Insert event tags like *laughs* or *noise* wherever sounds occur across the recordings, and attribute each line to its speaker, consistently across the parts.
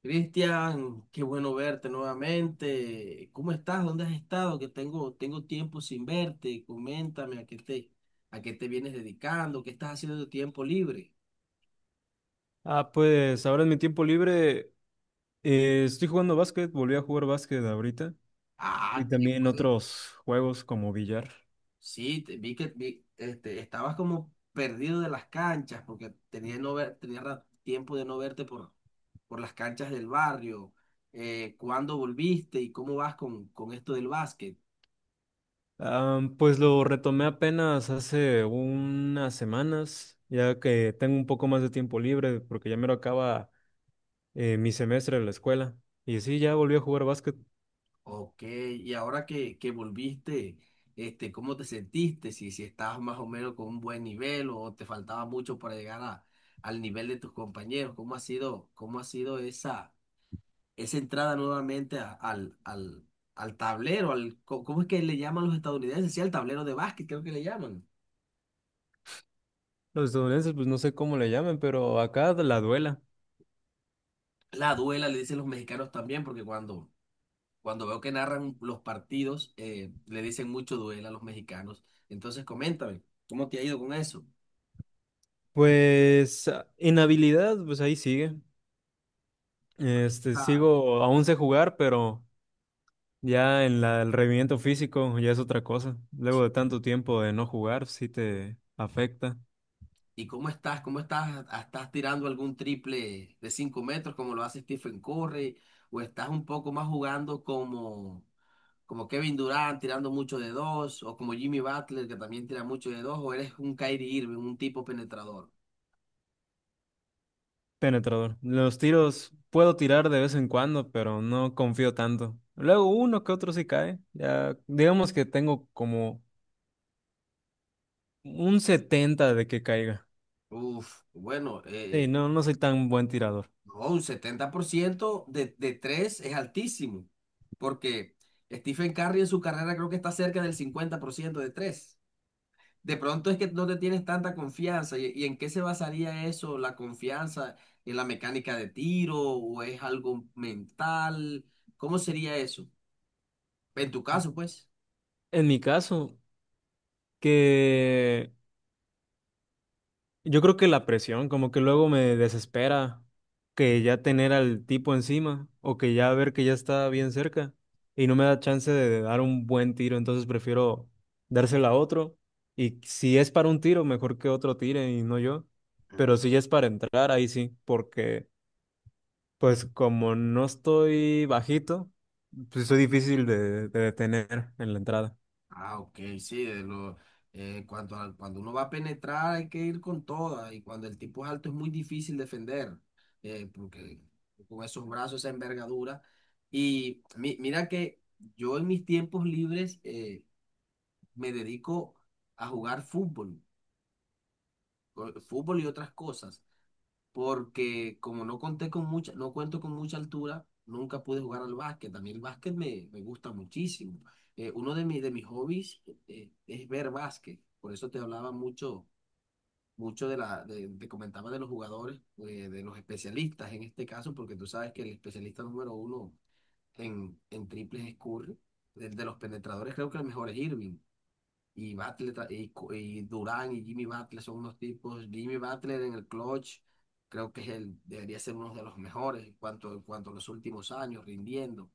Speaker 1: Cristian, qué bueno verte nuevamente. ¿Cómo estás? ¿Dónde has estado? Que tengo tiempo sin verte. Coméntame a qué te vienes dedicando, qué estás haciendo de tu tiempo libre.
Speaker 2: Ah, pues ahora en mi tiempo libre estoy jugando básquet, volví a jugar básquet ahorita y
Speaker 1: Ah, qué
Speaker 2: también
Speaker 1: bueno.
Speaker 2: otros juegos como billar.
Speaker 1: Sí, vi que estabas como perdido de las canchas porque tenía, no ver, tenía ra- tiempo de no verte por las canchas del barrio. ¿Cuándo volviste y cómo vas con esto del básquet?
Speaker 2: Ah, pues lo retomé apenas hace unas semanas, ya que tengo un poco más de tiempo libre porque ya me lo acaba mi semestre de la escuela. Y sí, ya volví a jugar básquet.
Speaker 1: Ok, y ahora que volviste, ¿cómo te sentiste? Si estabas más o menos con un buen nivel o te faltaba mucho para llegar al nivel de tus compañeros, cómo ha sido esa entrada nuevamente al tablero? ¿Cómo es que le llaman los estadounidenses? Sí, al tablero de básquet, creo que le llaman.
Speaker 2: Los estadounidenses, pues no sé cómo le llaman, pero acá la duela.
Speaker 1: La duela le dicen los mexicanos también, porque cuando veo que narran los partidos, le dicen mucho duela a los mexicanos. Entonces, coméntame, ¿cómo te ha ido con eso?
Speaker 2: Pues ah, en habilidad, pues ahí sigue. Este,
Speaker 1: Ah,
Speaker 2: sigo, aún sé jugar, pero ya en el rendimiento físico ya es otra cosa. Luego de tanto tiempo de no jugar, sí te afecta.
Speaker 1: ¿Y cómo estás? ¿Cómo estás? ¿Estás tirando algún triple de 5 metros como lo hace Stephen Curry? ¿O estás un poco más jugando como Kevin Durant tirando mucho de dos? ¿O como Jimmy Butler que también tira mucho de dos? ¿O eres un Kyrie Irving, un tipo penetrador?
Speaker 2: Penetrador. Los tiros puedo tirar de vez en cuando, pero no confío tanto. Luego uno que otro sí cae. Ya digamos que tengo como un 70 de que caiga.
Speaker 1: Uf, bueno,
Speaker 2: Sí, no, no soy tan buen tirador.
Speaker 1: no, un 70% de 3 es altísimo porque Stephen Curry en su carrera creo que está cerca del 50% de 3. De pronto es que no te tienes tanta confianza. ¿Y en qué se basaría eso? ¿La confianza en la mecánica de tiro o es algo mental? ¿Cómo sería eso? En tu caso, pues.
Speaker 2: En mi caso, que yo creo que la presión, como que luego me desespera que ya tener al tipo encima o que ya ver que ya está bien cerca y no me da chance de dar un buen tiro, entonces prefiero dársela a otro. Y si es para un tiro, mejor que otro tire y no yo. Pero si ya es para entrar, ahí sí, porque pues como no estoy bajito, pues soy difícil de detener en la entrada.
Speaker 1: Ah, ok, sí. de lo, cuanto a- Cuando uno va a penetrar hay que ir con toda. Y cuando el tipo es alto es muy difícil defender. Porque con esos brazos, esa envergadura. Y mira que yo en mis tiempos libres me dedico a jugar fútbol. Fútbol y otras cosas, porque como no conté con no cuento con mucha altura, nunca pude jugar al básquet. A mí el básquet me gusta muchísimo. Uno de mis hobbies es ver básquet, por eso te hablaba mucho, mucho te comentaba de los jugadores, de los especialistas en este caso, porque tú sabes que el especialista número uno en triples es Curry, el de los penetradores creo que el mejor es Irving. Y Butler ta- y, Co- Y Durán y Jimmy Butler son unos tipos. Jimmy Butler en el clutch creo que debería ser uno de los mejores en cuanto a los últimos años, rindiendo.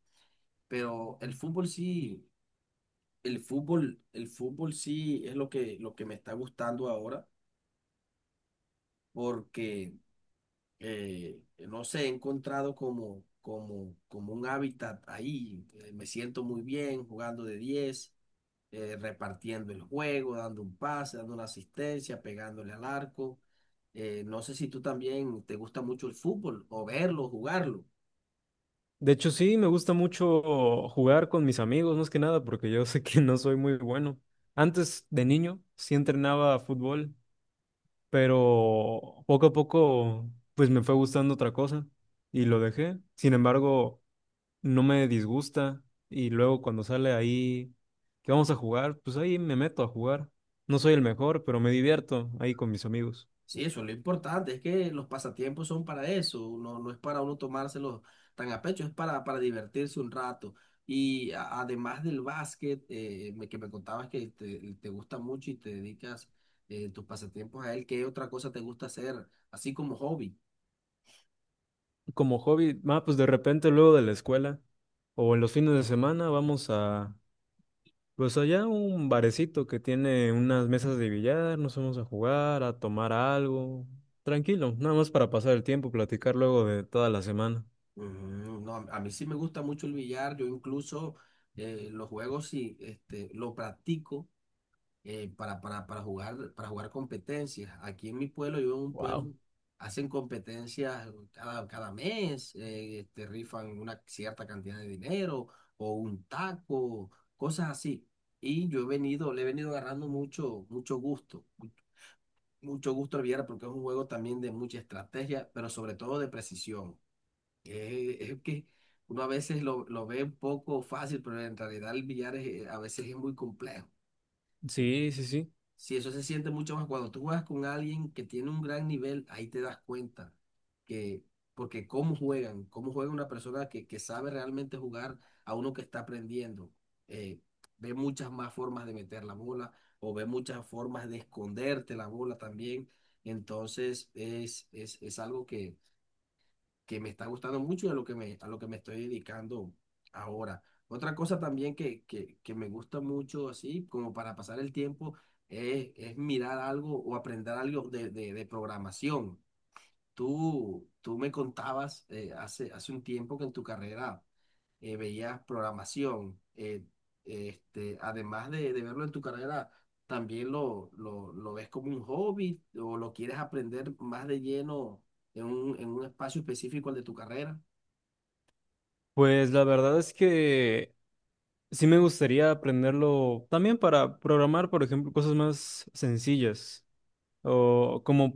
Speaker 1: Pero el fútbol sí es lo que me está gustando ahora, porque no sé, he encontrado como un hábitat ahí. Me siento muy bien jugando de 10, repartiendo el juego, dando un pase, dando una asistencia, pegándole al arco. No sé si tú también te gusta mucho el fútbol o verlo, jugarlo.
Speaker 2: De hecho, sí, me gusta mucho jugar con mis amigos, más que nada, porque yo *laughs* sé que no soy muy bueno. Antes de niño sí entrenaba fútbol, pero poco a poco pues me fue gustando otra cosa y lo dejé. Sin embargo, no me disgusta y luego cuando sale ahí que vamos a jugar, pues ahí me meto a jugar. No soy el mejor, pero me divierto ahí con mis amigos.
Speaker 1: Sí, eso es lo importante, es que los pasatiempos son para eso, no, no es para uno tomárselos tan a pecho, es para divertirse un rato. Y además del básquet, que me contabas que te gusta mucho y te dedicas tus pasatiempos a él, ¿qué otra cosa te gusta hacer, así como hobby?
Speaker 2: Como hobby, ah, pues de repente luego de la escuela o en los fines de semana vamos a pues allá un barecito que tiene unas mesas de billar, nos vamos a jugar, a tomar algo. Tranquilo, nada más para pasar el tiempo, platicar luego de toda la semana.
Speaker 1: Mm, no, a mí sí me gusta mucho el billar, yo incluso los juegos sí, este, lo practico para jugar competencias. Aquí en mi pueblo, yo vivo en un
Speaker 2: Wow.
Speaker 1: pueblo, hacen competencias cada mes, rifan una cierta cantidad de dinero o un taco, cosas así. Y le he venido agarrando mucho, mucho gusto al billar porque es un juego también de mucha estrategia, pero sobre todo de precisión. Es que uno a veces lo ve un poco fácil, pero en realidad el billar a veces es muy complejo.
Speaker 2: Sí, sí, sí.
Speaker 1: Si eso se siente mucho más cuando tú juegas con alguien que tiene un gran nivel, ahí te das cuenta que, porque cómo juega una persona que sabe realmente jugar a uno que está aprendiendo. Eh, ve muchas más formas de meter la bola o ve muchas formas de esconderte la bola también. Entonces es algo que me está gustando mucho y a lo que me estoy dedicando ahora. Otra cosa también que me gusta mucho, así como para pasar el tiempo, es mirar algo o aprender algo de programación. Tú me contabas hace un tiempo que en tu carrera veías programación. Además de verlo en tu carrera, ¿también lo ves como un hobby o lo quieres aprender más de lleno en un espacio específico al de tu carrera?
Speaker 2: Pues la verdad es que sí me gustaría aprenderlo también para programar, por ejemplo, cosas más sencillas. O como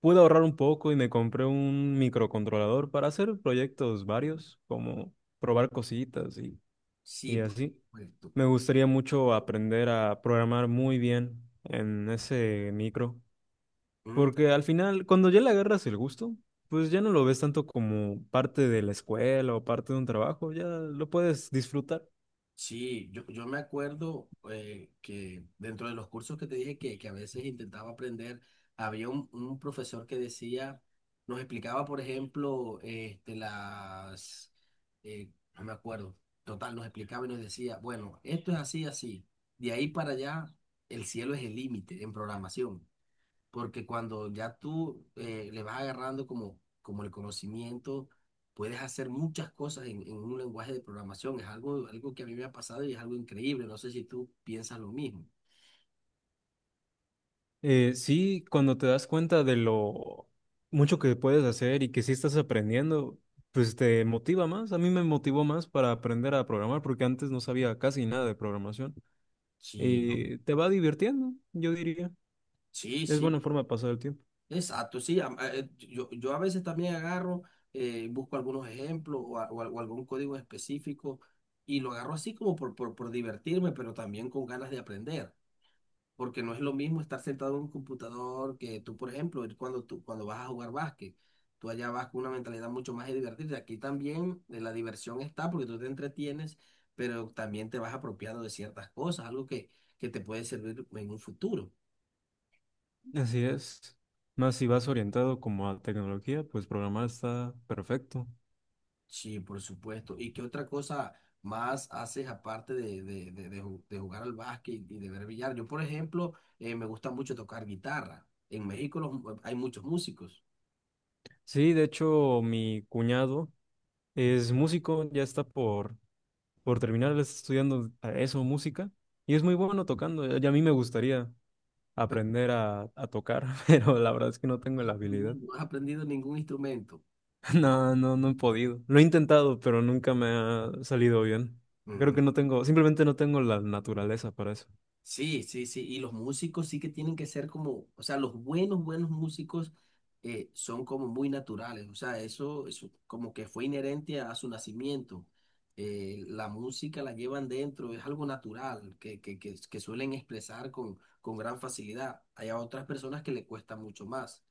Speaker 2: pude ahorrar un poco y me compré un microcontrolador para hacer proyectos varios, como probar cositas
Speaker 1: Sí,
Speaker 2: y
Speaker 1: por
Speaker 2: así.
Speaker 1: supuesto.
Speaker 2: Me gustaría mucho aprender a programar muy bien en ese micro, porque al final, cuando ya le agarras el gusto, pues ya no lo ves tanto como parte de la escuela o parte de un trabajo, ya lo puedes disfrutar.
Speaker 1: Sí, yo me acuerdo que dentro de los cursos que te dije que a veces intentaba aprender, había un profesor que decía, nos explicaba, por ejemplo, eh, no me acuerdo, total, nos explicaba y nos decía, bueno, esto es así, así, de ahí para allá, el cielo es el límite en programación porque cuando ya tú le vas agarrando como el conocimiento, puedes hacer muchas cosas en un lenguaje de programación. Es algo que a mí me ha pasado y es algo increíble. No sé si tú piensas lo mismo.
Speaker 2: Sí, cuando te das cuenta de lo mucho que puedes hacer y que sí estás aprendiendo, pues te motiva más. A mí me motivó más para aprender a programar, porque antes no sabía casi nada de programación.
Speaker 1: Sí, no.
Speaker 2: Y te va divirtiendo, yo diría.
Speaker 1: Sí,
Speaker 2: Es
Speaker 1: sí,
Speaker 2: buena forma de pasar el tiempo.
Speaker 1: exacto, sí. Yo a veces también agarro, busco algunos ejemplos o algún código específico y lo agarro así como por divertirme, pero también con ganas de aprender. Porque no es lo mismo estar sentado en un computador que tú, por ejemplo, cuando vas a jugar básquet, tú allá vas con una mentalidad mucho más de divertirte. Aquí también la diversión está porque tú te entretienes, pero también te vas apropiando de ciertas cosas, algo que te puede servir en un futuro.
Speaker 2: Así es. Más si vas orientado como a tecnología, pues programar está perfecto.
Speaker 1: Sí, por supuesto. ¿Y qué otra cosa más haces aparte de jugar al básquet y de ver billar? Yo, por ejemplo, me gusta mucho tocar guitarra. En México hay muchos músicos,
Speaker 2: Sí, de hecho, mi cuñado es músico, ya está por terminar, él está estudiando a eso, música, y es muy bueno tocando. Y a mí me gustaría
Speaker 1: pero
Speaker 2: aprender a tocar, *laughs* pero la verdad es que no tengo la
Speaker 1: no has
Speaker 2: habilidad.
Speaker 1: aprendido no has
Speaker 2: *laughs*
Speaker 1: aprendido ningún instrumento.
Speaker 2: No, no, no he podido. Lo he intentado, pero nunca me ha salido bien. Creo
Speaker 1: Ujú.
Speaker 2: que no tengo, simplemente no tengo la naturaleza para eso.
Speaker 1: Sí, sí, sí. Y los músicos sí que tienen que ser o sea, los buenos, buenos músicos son como muy naturales. O sea, eso como que fue inherente a su nacimiento. La música la llevan dentro, es algo natural que suelen expresar con gran facilidad. Hay a otras personas que le cuesta mucho más.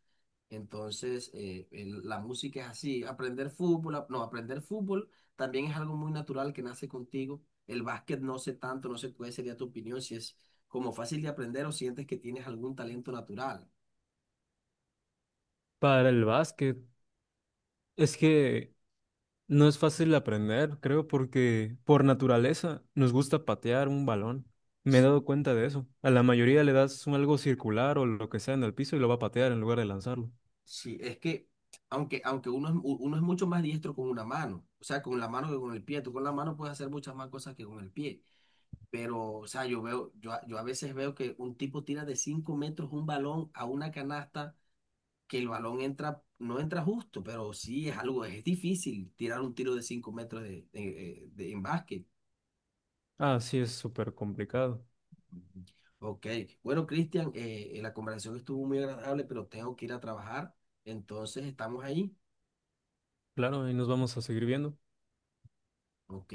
Speaker 1: Entonces, la música es así. Aprender fútbol, ap- no, aprender fútbol también es algo muy natural que nace contigo. El básquet no sé tanto, no sé cuál sería tu opinión, si es como fácil de aprender o sientes que tienes algún talento natural.
Speaker 2: Para el básquet, es que no es fácil aprender, creo, porque por naturaleza nos gusta patear un balón. Me he dado cuenta de eso. A la mayoría le das un algo circular o lo que sea en el piso y lo va a patear en lugar de lanzarlo.
Speaker 1: Sí, es que, aunque uno es mucho más diestro con una mano, o sea, con la mano que con el pie. Tú con la mano puedes hacer muchas más cosas que con el pie. Pero, o sea, yo a veces veo que un tipo tira de 5 metros un balón a una canasta que el balón entra, no entra justo, pero sí es algo, es difícil tirar un tiro de 5 metros en básquet.
Speaker 2: Ah, sí, es súper complicado.
Speaker 1: Ok, bueno, Cristian, la conversación estuvo muy agradable, pero tengo que ir a trabajar, entonces estamos ahí.
Speaker 2: Claro, y nos vamos a seguir viendo.
Speaker 1: Ok.